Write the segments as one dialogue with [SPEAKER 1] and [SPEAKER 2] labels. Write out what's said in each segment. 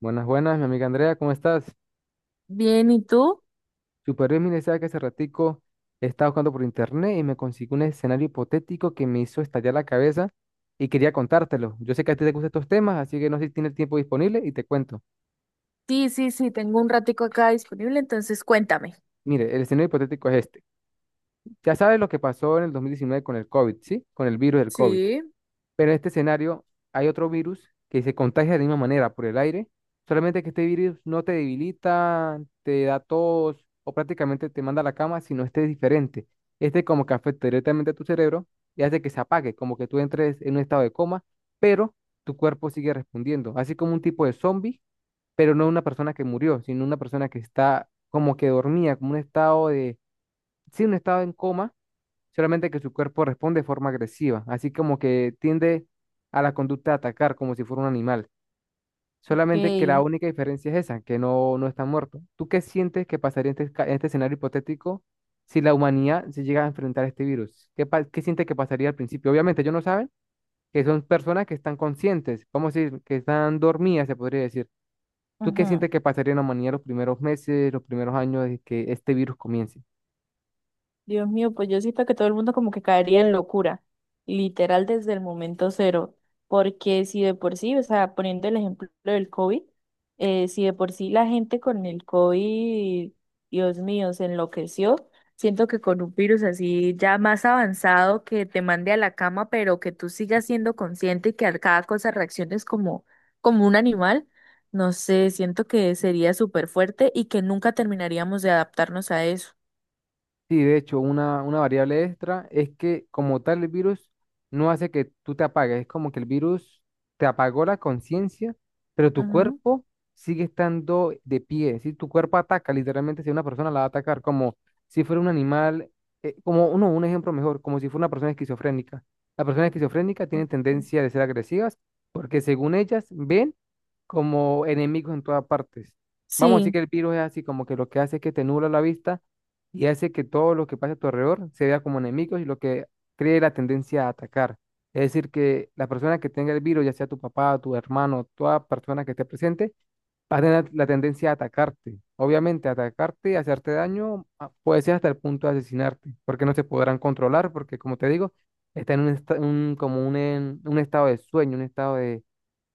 [SPEAKER 1] Buenas, buenas, mi amiga Andrea, ¿cómo estás?
[SPEAKER 2] Bien, ¿y tú?
[SPEAKER 1] Super bien, mire, sabe que hace ratico estaba buscando por internet y me consiguió un escenario hipotético que me hizo estallar la cabeza y quería contártelo. Yo sé que a ti te gustan estos temas, así que no sé si tienes tiempo disponible y te cuento.
[SPEAKER 2] Sí, sí, sí, tengo un ratico acá disponible, entonces cuéntame.
[SPEAKER 1] Mire, el escenario hipotético es este. Ya sabes lo que pasó en el 2019 con el COVID, ¿sí? Con el virus del COVID.
[SPEAKER 2] Sí.
[SPEAKER 1] Pero en este escenario hay otro virus que se contagia de la misma manera por el aire, solamente que este virus no te debilita, te da tos o prácticamente te manda a la cama, sino este es diferente. Este como que afecta directamente a tu cerebro y hace que se apague, como que tú entres en un estado de coma, pero tu cuerpo sigue respondiendo, así como un tipo de zombie, pero no una persona que murió, sino una persona que está como que dormía, como un estado de, sí, un estado en coma solamente que su cuerpo responde de forma agresiva, así como que tiende a la conducta de atacar como si fuera un animal.
[SPEAKER 2] Ok,
[SPEAKER 1] Solamente que la única diferencia es esa, que no, no está muerto. ¿Tú qué sientes que pasaría en en este escenario hipotético si la humanidad se llega a enfrentar a este virus? ¿Qué, qué sientes que pasaría al principio? Obviamente ellos no saben que son personas que están conscientes, vamos a decir, que están dormidas, se podría decir. ¿Tú qué
[SPEAKER 2] ujú.
[SPEAKER 1] sientes que pasaría en la humanidad los primeros meses, los primeros años de que este virus comience?
[SPEAKER 2] Dios mío, pues yo siento que todo el mundo como que caería en locura, literal desde el momento cero, porque si de por sí, o sea, poniendo el ejemplo del COVID, si de por sí la gente con el COVID, Dios mío, se enloqueció, siento que con un virus así ya más avanzado que te mande a la cama, pero que tú sigas siendo consciente y que a cada cosa reacciones como, como un animal, no sé, siento que sería súper fuerte y que nunca terminaríamos de adaptarnos a eso.
[SPEAKER 1] Sí, de hecho, una variable extra es que como tal el virus no hace que tú te apagues, es como que el virus te apagó la conciencia, pero tu cuerpo sigue estando de pie, si tu cuerpo ataca, literalmente si una persona la va a atacar, como si fuera un animal, un ejemplo mejor, como si fuera una persona esquizofrénica. La persona esquizofrénica tiene
[SPEAKER 2] Ok.
[SPEAKER 1] tendencia de ser agresivas porque según ellas ven como enemigos en todas partes. Vamos a decir que
[SPEAKER 2] Sí,
[SPEAKER 1] el virus es así, como que lo que hace es que te nubla la vista y hace que todo lo que pasa a tu alrededor se vea como enemigos y lo que cree la tendencia a atacar. Es decir, que la persona que tenga el virus, ya sea tu papá, tu hermano, toda persona que esté presente, va a tener la tendencia a atacarte. Obviamente, atacarte, hacerte daño, puede ser hasta el punto de asesinarte, porque no se podrán controlar, porque como te digo, está en un estado de sueño, un estado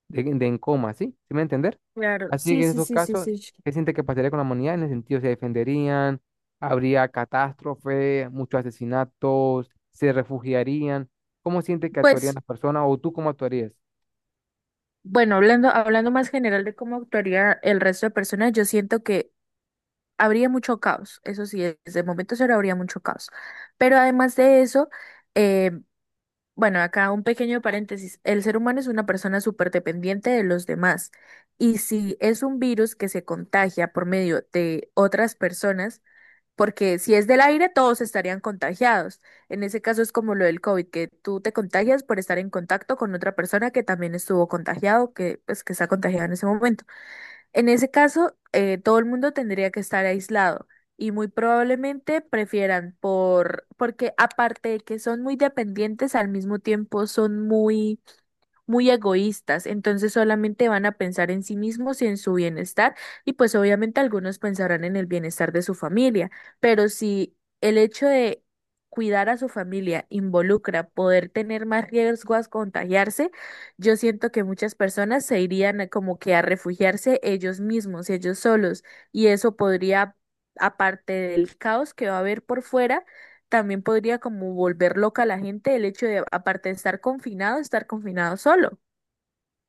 [SPEAKER 1] de en coma, ¿sí? ¿Sí me va a entender?
[SPEAKER 2] claro,
[SPEAKER 1] Así
[SPEAKER 2] sí,
[SPEAKER 1] que en
[SPEAKER 2] sí,
[SPEAKER 1] esos
[SPEAKER 2] sí, sí,
[SPEAKER 1] casos,
[SPEAKER 2] sí.
[SPEAKER 1] ¿qué siente que pasaría con la humanidad? En el sentido, se defenderían, habría catástrofe, muchos asesinatos, se refugiarían. ¿Cómo siente que actuarían
[SPEAKER 2] Pues,
[SPEAKER 1] las personas o tú cómo actuarías?
[SPEAKER 2] bueno, hablando más general de cómo actuaría el resto de personas, yo siento que habría mucho caos, eso sí, desde el momento cero habría mucho caos. Pero además de eso, eh, bueno, acá un pequeño paréntesis, el ser humano es una persona súper dependiente de los demás y si es un virus que se contagia por medio de otras personas, porque si es del aire, todos estarían contagiados. En ese caso es como lo del COVID, que tú te contagias por estar en contacto con otra persona que también estuvo contagiado, que pues que está contagiada en ese momento. En ese caso, todo el mundo tendría que estar aislado y muy probablemente prefieran por, porque aparte de que son muy dependientes, al mismo tiempo son muy muy egoístas, entonces solamente van a pensar en sí mismos y en su bienestar, y pues obviamente algunos pensarán en el bienestar de su familia, pero si el hecho de cuidar a su familia involucra poder tener más riesgo a contagiarse, yo siento que muchas personas se irían a- como que a refugiarse ellos mismos, ellos solos, y eso podría, aparte del caos que va a haber por fuera, también podría como volver loca a la gente el hecho de, aparte de estar confinado solo.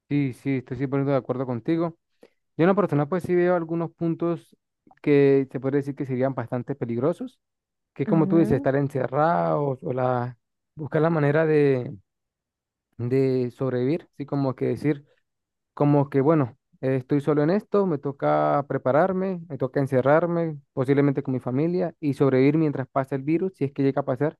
[SPEAKER 1] Sí, sí, estoy 100% de acuerdo contigo. Yo en lo personal, pues sí veo algunos puntos que se podría decir que serían bastante peligrosos, que es como tú dices,
[SPEAKER 2] Ujú.
[SPEAKER 1] estar encerrados buscar la manera de sobrevivir, así como que decir, como que, bueno, estoy solo en esto, me toca prepararme, me toca encerrarme, posiblemente con mi familia, y sobrevivir mientras pasa el virus, si es que llega a pasar.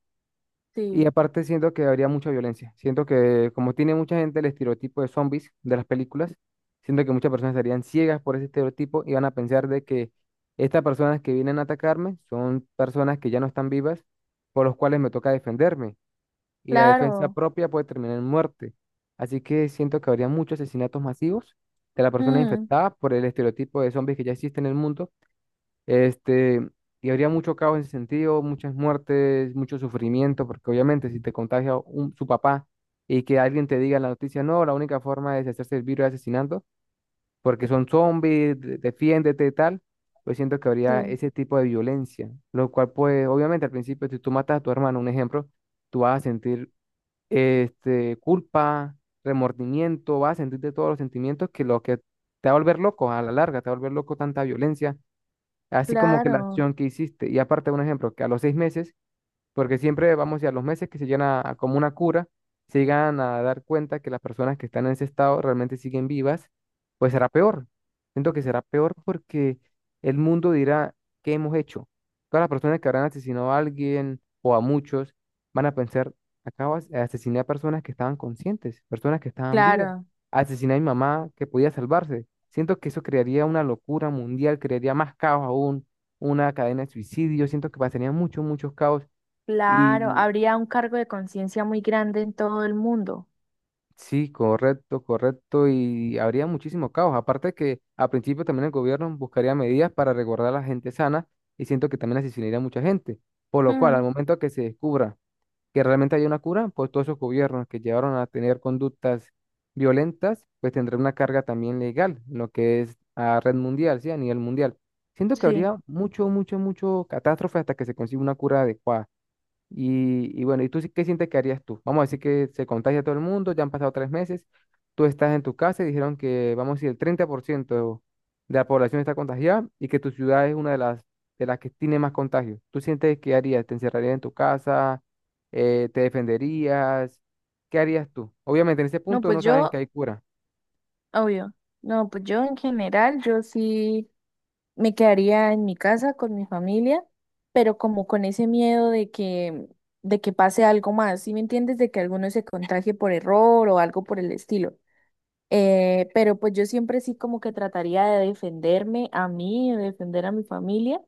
[SPEAKER 1] Y
[SPEAKER 2] Sí,
[SPEAKER 1] aparte siento que habría mucha violencia. Siento que como tiene mucha gente el estereotipo de zombies de las películas, siento que muchas personas estarían ciegas por ese estereotipo y van a pensar de que estas personas que vienen a atacarme son personas que ya no están vivas, por los cuales me toca defenderme y la defensa
[SPEAKER 2] claro.
[SPEAKER 1] propia puede terminar en muerte. Así que siento que habría muchos asesinatos masivos de las personas
[SPEAKER 2] Mm,
[SPEAKER 1] infectadas por el estereotipo de zombies que ya existe en el mundo. Este, y habría mucho caos en ese sentido, muchas muertes, mucho sufrimiento, porque obviamente si te contagia su papá y que alguien te diga en la noticia, no, la única forma de deshacerse del virus es asesinando, porque son zombies, defiéndete y tal, pues siento que habría
[SPEAKER 2] sí,
[SPEAKER 1] ese tipo de violencia, lo cual pues obviamente al principio si tú matas a tu hermano, un ejemplo, tú vas a sentir culpa, remordimiento, vas a sentirte todos los sentimientos que lo que te va a volver loco a la larga, te va a volver loco tanta violencia, así como que la
[SPEAKER 2] claro,
[SPEAKER 1] acción que hiciste. Y aparte, un ejemplo, que a los 6 meses porque siempre vamos y a los meses que se llegan a como una cura, se llegan a dar cuenta que las personas que están en ese estado realmente siguen vivas, pues será peor. Siento que será peor porque el mundo dirá, ¿qué hemos hecho? Todas las personas que habrán asesinado a alguien o a muchos van a pensar, acabas de asesinar a personas que estaban conscientes, personas que estaban vivas.
[SPEAKER 2] claro,
[SPEAKER 1] Asesiné a mi mamá que podía salvarse. Siento que eso crearía una locura mundial, crearía más caos aún, una cadena de suicidios. Siento que pasarían muchos, muchos caos
[SPEAKER 2] claro.
[SPEAKER 1] y
[SPEAKER 2] Habría un cargo de conciencia muy grande en todo el mundo.
[SPEAKER 1] sí, correcto, correcto. Y habría muchísimo caos. Aparte que a principio también el gobierno buscaría medidas para resguardar a la gente sana y siento que también asesinaría a mucha gente. Por lo cual, al
[SPEAKER 2] Mm,
[SPEAKER 1] momento que se descubra que realmente hay una cura, pues todos esos gobiernos que llevaron a tener conductas violentas, pues tendrán una carga también legal, lo que es a red mundial, sí, a nivel mundial. Siento que
[SPEAKER 2] sí.
[SPEAKER 1] habría mucho, mucho, mucho catástrofe hasta que se consiga una cura adecuada. Y bueno, ¿y tú qué sientes que harías tú? Vamos a decir que se contagia todo el mundo, ya han pasado 3 meses, tú estás en tu casa y dijeron que, vamos a decir, el 30% de la población está contagiada y que tu ciudad es una de de las que tiene más contagios. ¿Tú sientes qué harías? ¿Te encerrarías en tu casa? ¿Te defenderías? ¿Qué harías tú? Obviamente en ese
[SPEAKER 2] No,
[SPEAKER 1] punto no
[SPEAKER 2] pues
[SPEAKER 1] saben que
[SPEAKER 2] yo,
[SPEAKER 1] hay cura.
[SPEAKER 2] obvio. No, pues yo en general, yo sí me quedaría en mi casa con mi familia, pero como con ese miedo de que pase algo más, ¿sí me entiendes? De que alguno se contagie por error o algo por el estilo. Pero pues yo siempre sí como que trataría de defenderme a mí, de defender a mi familia.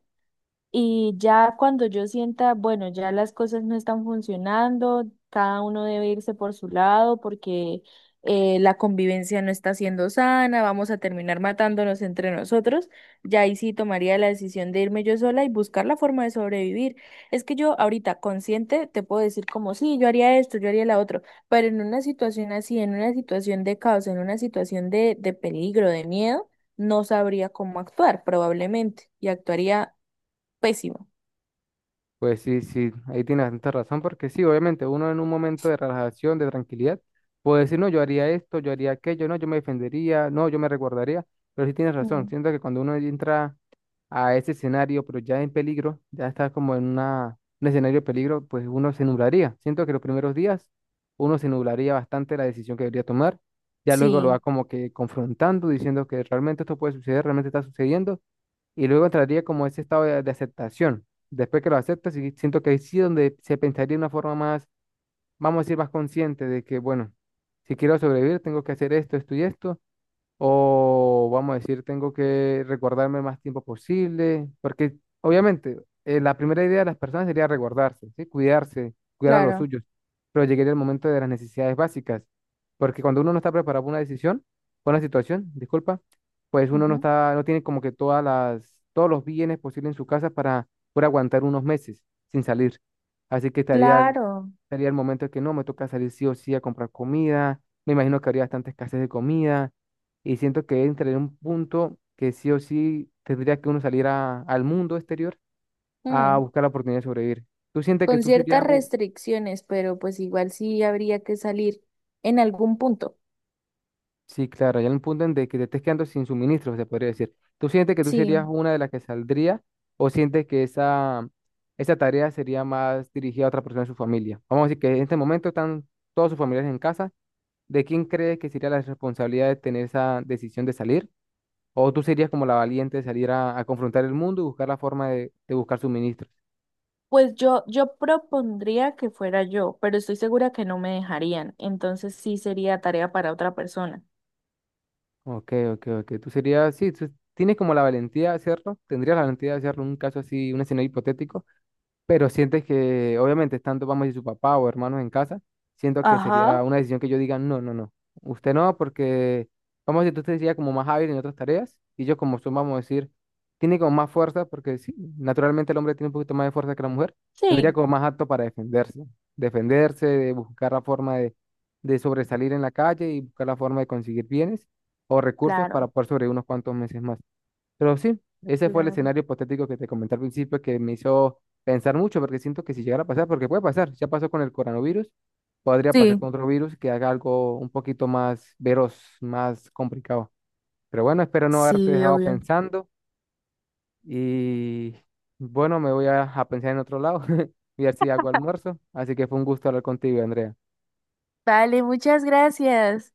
[SPEAKER 2] Y ya cuando yo sienta, bueno, ya las cosas no están funcionando, cada uno debe irse por su lado porque la convivencia no está siendo sana, vamos a terminar matándonos entre nosotros, ya ahí sí tomaría la decisión de irme yo sola y buscar la forma de sobrevivir. Es que yo ahorita consciente te puedo decir como, sí, yo haría esto, yo haría la otro, pero en una situación así, en una situación de caos, en una situación de peligro, de miedo, no sabría cómo actuar probablemente y actuaría pésimo.
[SPEAKER 1] Pues sí, sí, ahí tienes bastante razón, porque sí, obviamente uno en un momento de relajación, de tranquilidad, puede decir, no, yo haría esto, yo haría aquello, no, yo me defendería, no, yo me resguardaría, pero sí tienes razón,
[SPEAKER 2] Mm,
[SPEAKER 1] siento que cuando uno entra a ese escenario, pero ya en peligro, ya está como en un escenario de peligro, pues uno se nublaría, siento que los primeros días uno se nublaría bastante la decisión que debería tomar, ya luego lo va
[SPEAKER 2] sí,
[SPEAKER 1] como que confrontando, diciendo que realmente esto puede suceder, realmente está sucediendo y luego entraría como ese estado de aceptación. Después que lo aceptas, sí siento que ahí sí donde se pensaría de una forma más, vamos a decir, más consciente de que, bueno, si quiero sobrevivir, tengo que hacer esto, esto y esto, o vamos a decir, tengo que recordarme más tiempo posible, porque obviamente la primera idea de las personas sería recordarse, ¿sí? Cuidarse, cuidar a los
[SPEAKER 2] claro,
[SPEAKER 1] suyos, pero llegaría el momento de las necesidades básicas, porque cuando uno no está preparado para una decisión, para una situación, disculpa, pues uno no
[SPEAKER 2] ujú,
[SPEAKER 1] está, no tiene como que todas todos los bienes posibles en su casa para poder aguantar unos meses sin salir. Así que estaría,
[SPEAKER 2] claro,
[SPEAKER 1] estaría el momento de que no, me toca salir sí o sí a comprar comida, me imagino que habría bastante escasez de comida y siento que entraré en un punto que sí o sí tendría que uno salir al mundo exterior a
[SPEAKER 2] mm.
[SPEAKER 1] buscar la oportunidad de sobrevivir. ¿Tú sientes que
[SPEAKER 2] Con
[SPEAKER 1] tú serías
[SPEAKER 2] ciertas
[SPEAKER 1] un...
[SPEAKER 2] restricciones, pero pues igual sí habría que salir en algún punto.
[SPEAKER 1] Sí, claro, ya en un punto en de que te estés quedando sin suministros, se podría decir. ¿Tú sientes que tú serías
[SPEAKER 2] Sí,
[SPEAKER 1] una de las que saldría o sientes que esa tarea sería más dirigida a otra persona de su familia? Vamos a decir que en este momento están todos sus familiares en casa. ¿De quién crees que sería la responsabilidad de tener esa decisión de salir? ¿O tú serías como la valiente de salir a confrontar el mundo y buscar la forma de buscar suministros?
[SPEAKER 2] pues yo propondría que fuera yo, pero estoy segura que no me dejarían, entonces sí sería tarea para otra persona.
[SPEAKER 1] Ok, ok, ok. Tú serías, sí, tú tienes como la valentía de hacerlo, tendrías la valentía de hacerlo en un caso así, un escenario hipotético. Pero sientes que, obviamente, estando, vamos a decir, su papá o hermanos en casa, siento que sería
[SPEAKER 2] Ajá.
[SPEAKER 1] una decisión que yo diga, no, no, no, usted no, porque, vamos a decir, usted sería como más hábil en otras tareas, y yo como son, vamos a decir, tiene como más fuerza, porque sí, naturalmente el hombre tiene un poquito más de fuerza que la mujer, tendría
[SPEAKER 2] Sí,
[SPEAKER 1] como más apto para defenderse, defenderse, de buscar la forma de sobresalir en la calle y buscar la forma de conseguir bienes o recursos para
[SPEAKER 2] claro,
[SPEAKER 1] poder sobrevivir unos cuantos meses más. Pero sí, ese fue el
[SPEAKER 2] claro.
[SPEAKER 1] escenario hipotético que te comenté al principio que me hizo pensar mucho, porque siento que si llegara a pasar, porque puede pasar, ya pasó con el coronavirus, podría pasar
[SPEAKER 2] Sí,
[SPEAKER 1] con otro virus que haga algo un poquito más veros, más complicado. Pero bueno, espero no haberte
[SPEAKER 2] sí,
[SPEAKER 1] dejado
[SPEAKER 2] obvio.
[SPEAKER 1] pensando y bueno, me voy a pensar en otro lado, y a ver si hago almuerzo. Así que fue un gusto hablar contigo, Andrea.
[SPEAKER 2] Vale, muchas gracias.